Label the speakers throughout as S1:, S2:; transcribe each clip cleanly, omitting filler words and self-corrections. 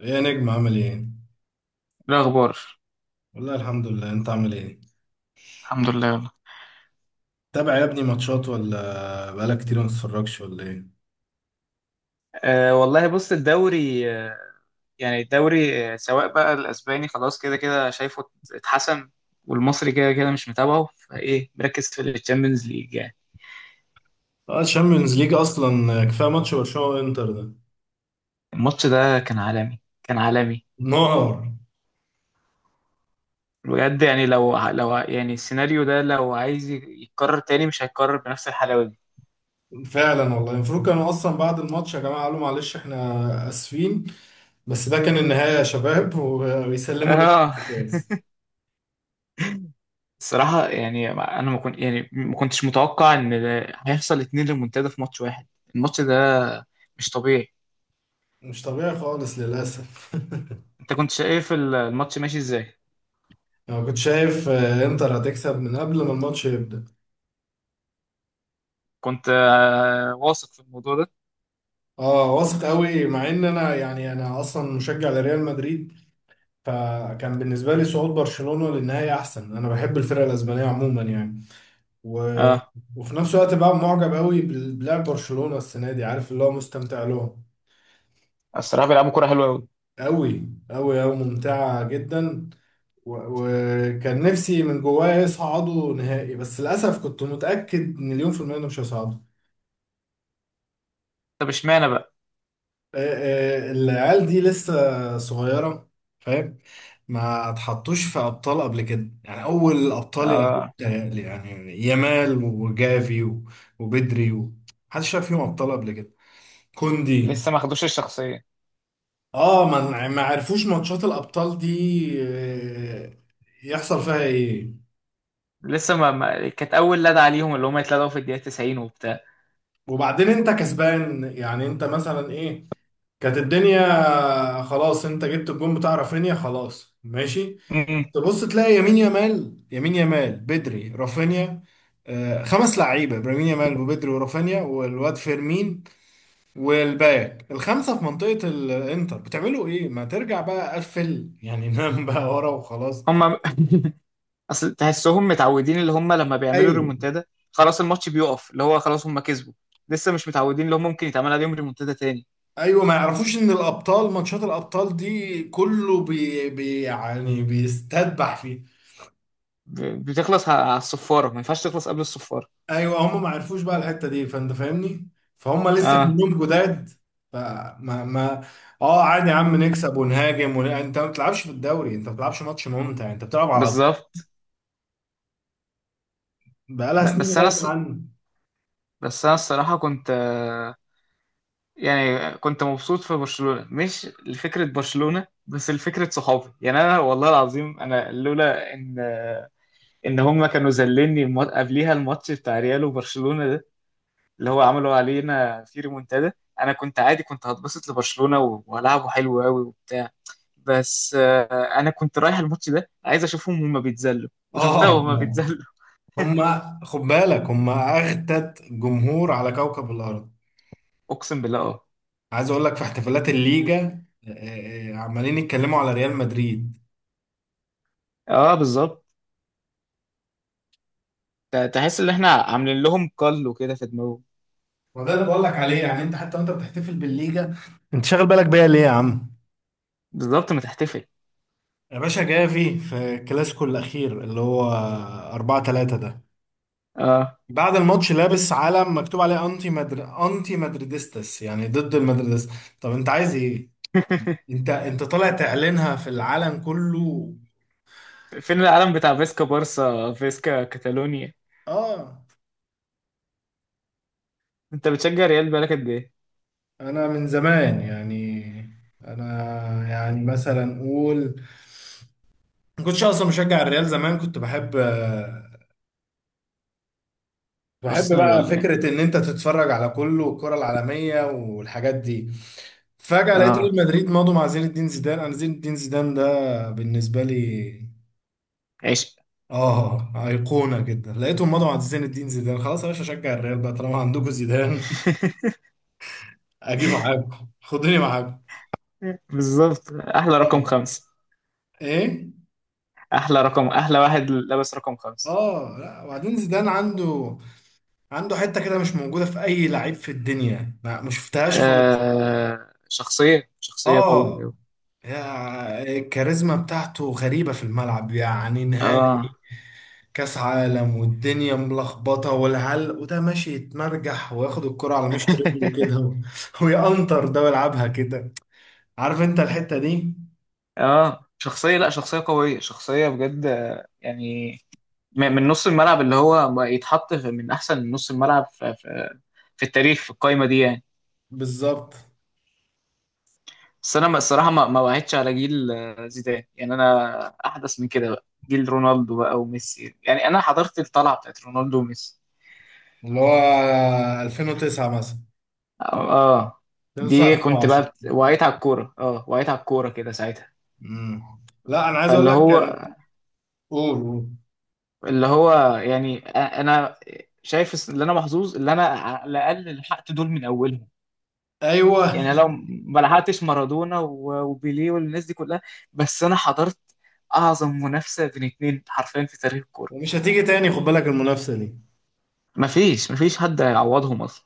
S1: ايه يا نجم، عامل ايه؟
S2: إيه الأخبار؟
S1: والله الحمد لله، انت عامل ايه؟
S2: الحمد لله والله.
S1: تابع يا ابني ماتشات ولا بقالك كتير ما تتفرجش ولا ايه؟
S2: أه والله، بص الدوري، يعني الدوري، سواء بقى الأسباني خلاص كده كده شايفه اتحسن، والمصري كده كده مش متابعه، فإيه مركز في الشامبيونز ليج يعني.
S1: اه، الشامبيونز ليج اصلا كفايه ماتش برشلونه وانتر ده.
S2: الماتش ده كان عالمي، كان عالمي
S1: نار.
S2: بجد. يعني يعني السيناريو ده لو عايز يتكرر تاني، مش هيتكرر بنفس الحلاوة دي.
S1: فعلا والله المفروض كانوا اصلا بعد الماتش يا جماعه قالوا معلش احنا اسفين، بس ده كان النهايه يا شباب، ويسلموا
S2: اه.
S1: للكاس.
S2: الصراحة يعني أنا ما كنت يعني ما كنتش متوقع إن ده هيحصل اتنين ريمونتادا في ماتش واحد. الماتش ده مش طبيعي.
S1: مش طبيعي خالص للاسف.
S2: انت كنت شايف الماتش ماشي ازاي؟
S1: انا كنت شايف انتر هتكسب من قبل ما الماتش يبدأ.
S2: كنت واثق في الموضوع ده.
S1: اه، واثق قوي، مع ان انا اصلا مشجع لريال مدريد، فكان بالنسبة لي صعود برشلونة للنهائي أحسن. أنا بحب الفرق الأسبانية عموما يعني. و...
S2: اه
S1: وفي نفس الوقت بقى معجب قوي بلعب برشلونة السنة دي، عارف اللي هو، مستمتع لهم.
S2: الصراحه بيلعبوا كوره حلوه قوي.
S1: قوي قوي قوي، ممتعة جدا. وكان نفسي من جوايا يصعدوا نهائي، بس للأسف كنت متأكد مليون في المية إنهم مش هيصعدوا.
S2: طب اشمعنى بقى؟
S1: العيال دي لسه صغيرة، فاهم. ما اتحطوش في أبطال قبل كده يعني، أول الأبطال يعني،
S2: آه.
S1: متهيألي يعني. يامال وجافي وبدري محدش شاف فيهم أبطال قبل كده. كوندي.
S2: لسه ما خدوش الشخصيه.
S1: اه، ما عرفوش ماتشات الأبطال دي. آه، يحصل فيها ايه.
S2: لسه ما, ما... كانت اول لدى عليهم اللي هم يتلدعوا في الدقيقه 90 وبتاع.
S1: وبعدين انت كسبان يعني، انت مثلا ايه، كانت الدنيا خلاص، انت جبت الجون بتاع رافينيا خلاص ماشي.
S2: امم
S1: تبص تلاقي يمين يامال، يمين يامال، بدري، رافينيا. خمس لعيبه: ابراهيم يامال وبدري ورافينيا والواد فيرمين والباك الخمسه في منطقه الانتر، بتعملوا ايه؟ ما ترجع بقى قفل يعني. نام بقى ورا وخلاص.
S2: هم. اصل تحسهم متعودين اللي هم لما بيعملوا
S1: ايوه.
S2: ريمونتادا، خلاص الماتش بيقف، اللي هو خلاص هم كسبوا. لسه مش متعودين اللي هم ممكن يتعمل عليهم ريمونتادا تاني.
S1: ايوه، ما يعرفوش ان الابطال، ماتشات الابطال دي كله بي بي يعني، بيستذبح فيه.
S2: بتخلص على الصفاره، ما ينفعش تخلص قبل الصفاره.
S1: ايوه، هم ما عرفوش بقى الحته دي، فانت فاهمني. فهم لسه
S2: اه
S1: كلهم جداد. فما ما اه، عادي يا عم، نكسب ونهاجم انت ما بتلعبش في الدوري، انت ما بتلعبش ماتش ممتع، انت بتلعب على،
S2: بالظبط.
S1: بقالها سنين
S2: بس انا
S1: غايبه عنه.
S2: بس انا الصراحه كنت يعني كنت مبسوط في برشلونه، مش لفكره برشلونه بس لفكره صحابي. يعني انا والله العظيم انا لولا ان ان هم كانوا ذلني قبليها الماتش بتاع ريال وبرشلونه ده، اللي هو عملوا علينا في ريمونتادا، انا كنت عادي كنت هتبسط لبرشلونه والعبه حلو قوي وبتاع. بس انا كنت رايح الماتش ده عايز اشوفهم هما بيتذلوا، وشفتها
S1: اه،
S2: وهما بيتذلوا.
S1: هم. خد بالك، هم اغتت جمهور على كوكب الارض.
S2: اقسم بالله اه.
S1: عايز اقول لك في احتفالات الليجا عمالين يتكلموا على ريال مدريد.
S2: اه بالظبط. تحس ان احنا عاملين لهم كل وكده في دماغهم.
S1: وده اللي بقول لك عليه يعني، انت حتى وانت بتحتفل بالليجا، انت شاغل بالك بيا ليه يا عم.
S2: بالظبط ما تحتفل.
S1: يا باشا جافي في الكلاسيكو الأخير اللي هو 4-3 ده،
S2: اه.
S1: بعد الماتش لابس علم مكتوب عليه أنتي مدريدستس، يعني ضد المدريدس. طب أنت عايز إيه؟ أنت أنت طالع تعلنها في العالم كله.
S2: فين العالم بتاع فيسكا بارسا فيسكا كاتالونيا؟
S1: آه.
S2: انت بتشجع ريال بقالك قد ايه؟
S1: أنا من زمان يعني، أنا يعني مثلا أقول، ما كنتش أصلا مشجع الريال. زمان كنت بحب،
S2: ارسنال
S1: بقى
S2: ولا ايه؟
S1: فكرة إن أنت تتفرج على كله، والكرة العالمية والحاجات دي. فجأة لقيت ريال
S2: اه
S1: مدريد ماضوا مع زين الدين زيدان. أنا زين الدين زيدان ده بالنسبة لي
S2: عشق.
S1: آه، أيقونة جدا. لقيتهم ماضوا مع زين الدين زيدان، خلاص يا باشا، أشجع الريال بقى طالما عندكم زيدان. أجي معاكم، خدوني معاكم.
S2: بالظبط، احلى رقم
S1: آه.
S2: خمسة.
S1: إيه؟
S2: احلى رقم، احلى واحد لابس رقم خمسة.
S1: آه، لا، وبعدين زيدان عنده، عنده حتة كده مش موجودة في أي لعيب في الدنيا، ما شفتهاش خالص.
S2: آه شخصية، شخصية قوية أوي.
S1: اه، يا- الكاريزما بتاعته غريبة في الملعب يعني.
S2: اه.
S1: نهائي كأس عالم والدنيا ملخبطة، والعلق وده ماشي يتمرجح، وياخد الكرة على مشط رجله كده ويقنطر ده ويلعبها كده. عارف انت الحتة دي.
S2: اه شخصية، لا شخصية قوية، شخصية بجد يعني من نص الملعب اللي هو ما يتحط من احسن نص الملعب في التاريخ، في القايمة دي يعني.
S1: بالظبط.
S2: بس انا الصراحه ما وعدتش على جيل زيدان، يعني انا احدث من كده. بقى جيل رونالدو بقى وميسي، يعني انا حضرت الطلعه بتاعت رونالدو وميسي.
S1: اللي هو 2009 مثلا.
S2: اه. آه.
S1: 2009،
S2: دي كنت بقى
S1: 2010.
S2: وعيت على الكوره، اه وعيت على الكوره كده ساعتها.
S1: امم لا، انا عايز اقول
S2: فاللي
S1: لك
S2: هو،
S1: كان، قول قول.
S2: اللي هو يعني، انا شايف اللي انا محظوظ اللي انا على الاقل لحقت دول من اولهم.
S1: ايوه.
S2: يعني لو ما لحقتش مارادونا وبيليه والناس دي كلها، بس انا حضرت اعظم منافسه بين اتنين حرفيا في تاريخ الكوره.
S1: ومش هتيجي تاني، خد بالك المنافسة دي.
S2: مفيش حد هيعوضهم اصلا.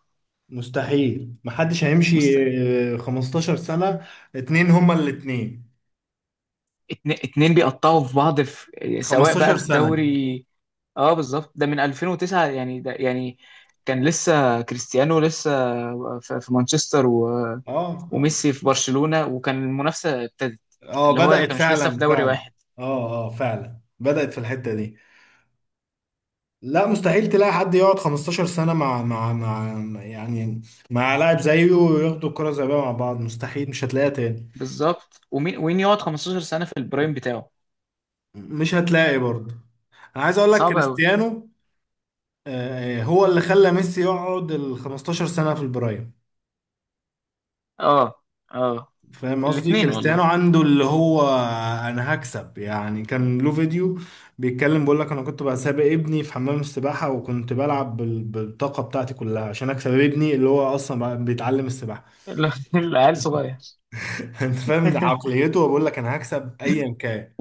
S1: مستحيل، محدش هيمشي.
S2: مست...
S1: 15 سنة، 2 هما الـ2.
S2: اتنين بيقطعوا في بعض، في، سواء
S1: 15
S2: بقى في
S1: سنة.
S2: دوري. اه بالظبط، ده من 2009 يعني. ده يعني كان لسه كريستيانو لسه في في مانشستر و...
S1: اه اه.
S2: وميسي في برشلونة، وكان المنافسة ابتدت.
S1: اه،
S2: اللي هو
S1: بدأت
S2: كانش لسه في
S1: فعلا
S2: دوري
S1: فعلا.
S2: واحد.
S1: اه اه، فعلا بدأت في الحتة دي. لا، مستحيل تلاقي حد يقعد 15 سنة مع- يعني مع لاعب زيه، وياخدوا الكرة الذهبية مع بعض، مستحيل، مش هتلاقيها تاني.
S2: بالظبط، ومين وين يقعد 15 سنة في البرايم بتاعه؟
S1: مش هتلاقي برضه. انا عايز اقول لك،
S2: صعب قوي.
S1: كريستيانو هو اللي خلى ميسي يقعد ال 15 سنة في البرايم.
S2: اه اه.
S1: فاهم قصدي،
S2: الاتنين
S1: كريستيانو
S2: والله.
S1: عنده اللي هو، انا هكسب يعني. كان له فيديو بيتكلم بيقول لك انا كنت بقى سابق ابني في حمام السباحه، وكنت بلعب بالطاقه بتاعتي كلها عشان اكسب ابني، اللي هو اصلا بقى بيتعلم السباحه.
S2: العيال صغير.
S1: انت فاهم، ده عقليته، بقول لك انا هكسب ايا كان.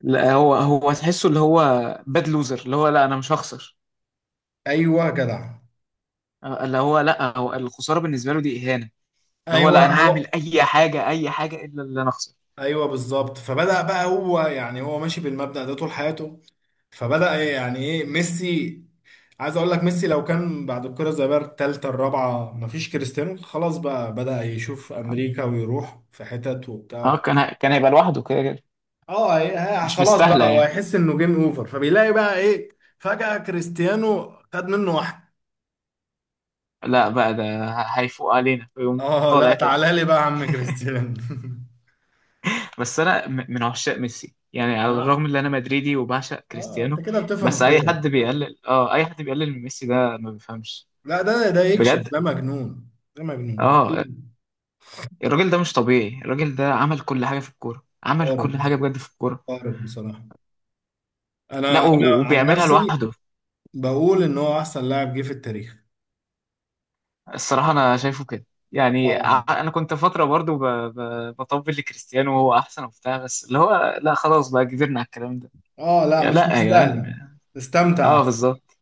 S2: لا هو، هو تحسه اللي هو باد لوزر. اللي هو لا انا مش هخسر.
S1: ايوه يا جدع.
S2: اللي هو لا، هو الخساره بالنسبه له دي اهانه. اللي هو
S1: ايوه،
S2: لا انا هعمل
S1: هو.
S2: اي حاجه، اي حاجه، الا اللي انا اخسر.
S1: ايوه بالظبط. فبدأ بقى هو يعني، هو ماشي بالمبدأ ده طول حياته. فبدأ إيه يعني، ايه ميسي. عايز اقول لك، ميسي لو كان بعد الكرة الذهبية التالتة الرابعة مفيش كريستيانو، خلاص بقى بدأ يشوف امريكا ويروح في حتت
S2: اه
S1: وبتاع.
S2: كان كان هيبقى لوحده كده كده.
S1: اه، إيه، ها،
S2: مش
S1: خلاص
S2: مستاهله
S1: بقى هو
S2: يعني.
S1: هيحس انه جيم اوفر، فبيلاقي بقى ايه، فجأة كريستيانو خد منه واحد.
S2: لا بقى ده هيفوق علينا ويقوم
S1: اه، لا
S2: طالع تاني.
S1: تعالى لي بقى يا عم كريستيانو.
S2: بس انا من عشاق ميسي يعني، على الرغم
S1: اه
S2: ان انا مدريدي وبعشق
S1: اه، انت
S2: كريستيانو.
S1: كده
S2: بس
S1: بتفهم
S2: اي
S1: كورة.
S2: حد بيقلل، اه، اي حد بيقلل من ميسي ده ما بيفهمش.
S1: لا، ده ده يكشف،
S2: بجد.
S1: ده مجنون. ده مجنون.
S2: اه. الراجل ده مش طبيعي، الراجل ده عمل كل حاجة في الكورة، عمل
S1: خارق.
S2: كل حاجة بجد في الكورة.
S1: خارق بصراحة.
S2: لا
S1: أنا عن
S2: وبيعملها
S1: نفسي
S2: لوحده.
S1: بقول إن هو أحسن لاعب جه في التاريخ.
S2: الصراحة أنا شايفه كده. يعني
S1: آه.
S2: أنا كنت فترة برضو بطبل لكريستيانو وهو أحسن وبتاع، بس اللي هو لا، خلاص بقى كبرنا على الكلام ده.
S1: آه، لا
S2: يا
S1: مش
S2: لا يا جدعان.
S1: مستاهلة، استمتع
S2: اه
S1: أحسن.
S2: بالظبط.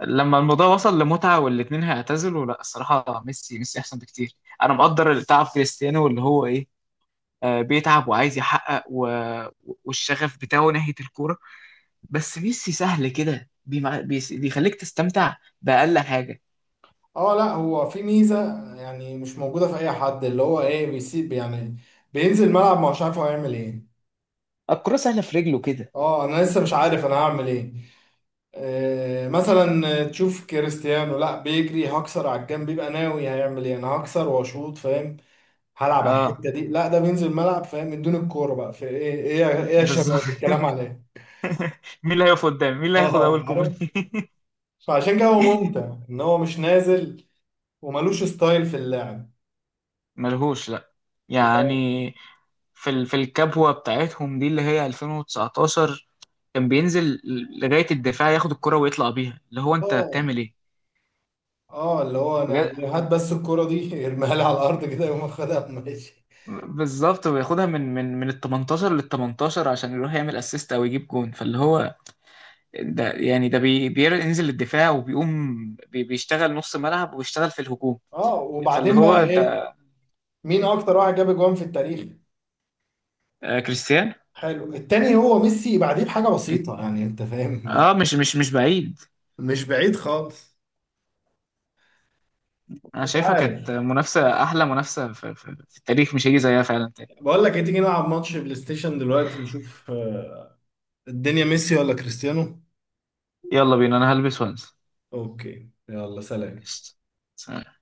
S2: لما الموضوع وصل لمتعة والاتنين هيعتزلوا، لا الصراحة ميسي، ميسي أحسن بكتير. أنا مقدر تعب كريستيانو اللي هو إيه، بيتعب وعايز يحقق و... والشغف بتاعه ناحية الكورة. بس ميسي سهل كده، بيخليك تستمتع بأقل حاجة.
S1: اه، لا، هو في ميزه يعني مش موجوده في اي حد، اللي هو ايه، بيسيب يعني، بينزل الملعب ما هوش عارف هو هيعمل ايه.
S2: الكرة سهلة في رجله كده.
S1: اه، انا لسه مش عارف انا هعمل ايه. آه، مثلا تشوف كريستيانو، لا بيجري هكسر على الجنب، بيبقى ناوي هيعمل ايه، انا هكسر واشوط، فاهم، هلعب على
S2: اه
S1: الحته دي. لا، ده بينزل الملعب فاهم من دون الكوره، بقى في ايه ايه يا- ايه يا
S2: بالظبط.
S1: شباب الكلام عليه.
S2: مين اللي هيقف قدامي، مين اللي هياخد
S1: اه
S2: اول
S1: عارف.
S2: كوبري.
S1: فعشان كده هو ممتع، ان هو مش نازل وملوش ستايل في اللعب.
S2: ملهوش لا.
S1: هو،
S2: يعني في ال... في الكبوة بتاعتهم دي اللي هي 2019، كان بينزل لغاية الدفاع ياخد الكرة ويطلع بيها، اللي هو انت
S1: اه
S2: بتعمل ايه؟
S1: اه اللي هو،
S2: بجد.
S1: انا هات بس الكوره دي. ارميها لي على الارض كده، يقوم واخدها ماشي.
S2: بالظبط، وياخدها من ال 18 لل 18 عشان يروح يعمل اسيست او يجيب جون. فاللي هو ده يعني، ده بينزل الدفاع وبيقوم بيشتغل نص ملعب ويشتغل في الهجوم.
S1: اه،
S2: فاللي
S1: وبعدين
S2: هو
S1: بقى ايه،
S2: انت.
S1: مين اكتر واحد جاب اجوان في التاريخ؟
S2: آه، كريستيان.
S1: حلو، التاني هو ميسي بعديه بحاجه بسيطه يعني، انت فاهم.
S2: اه مش بعيد.
S1: مش بعيد خالص.
S2: انا
S1: مش
S2: شايفها
S1: عارف.
S2: كانت منافسة، احلى منافسة في التاريخ، مش هيجي زيها فعلا تاني.
S1: بقول لك ايه، تيجي نلعب ماتش بلاي ستيشن دلوقتي نشوف الدنيا ميسي ولا كريستيانو.
S2: يلا بينا انا هلبس وانسى.
S1: اوكي، يلا سلام.
S2: قشطة. سلام.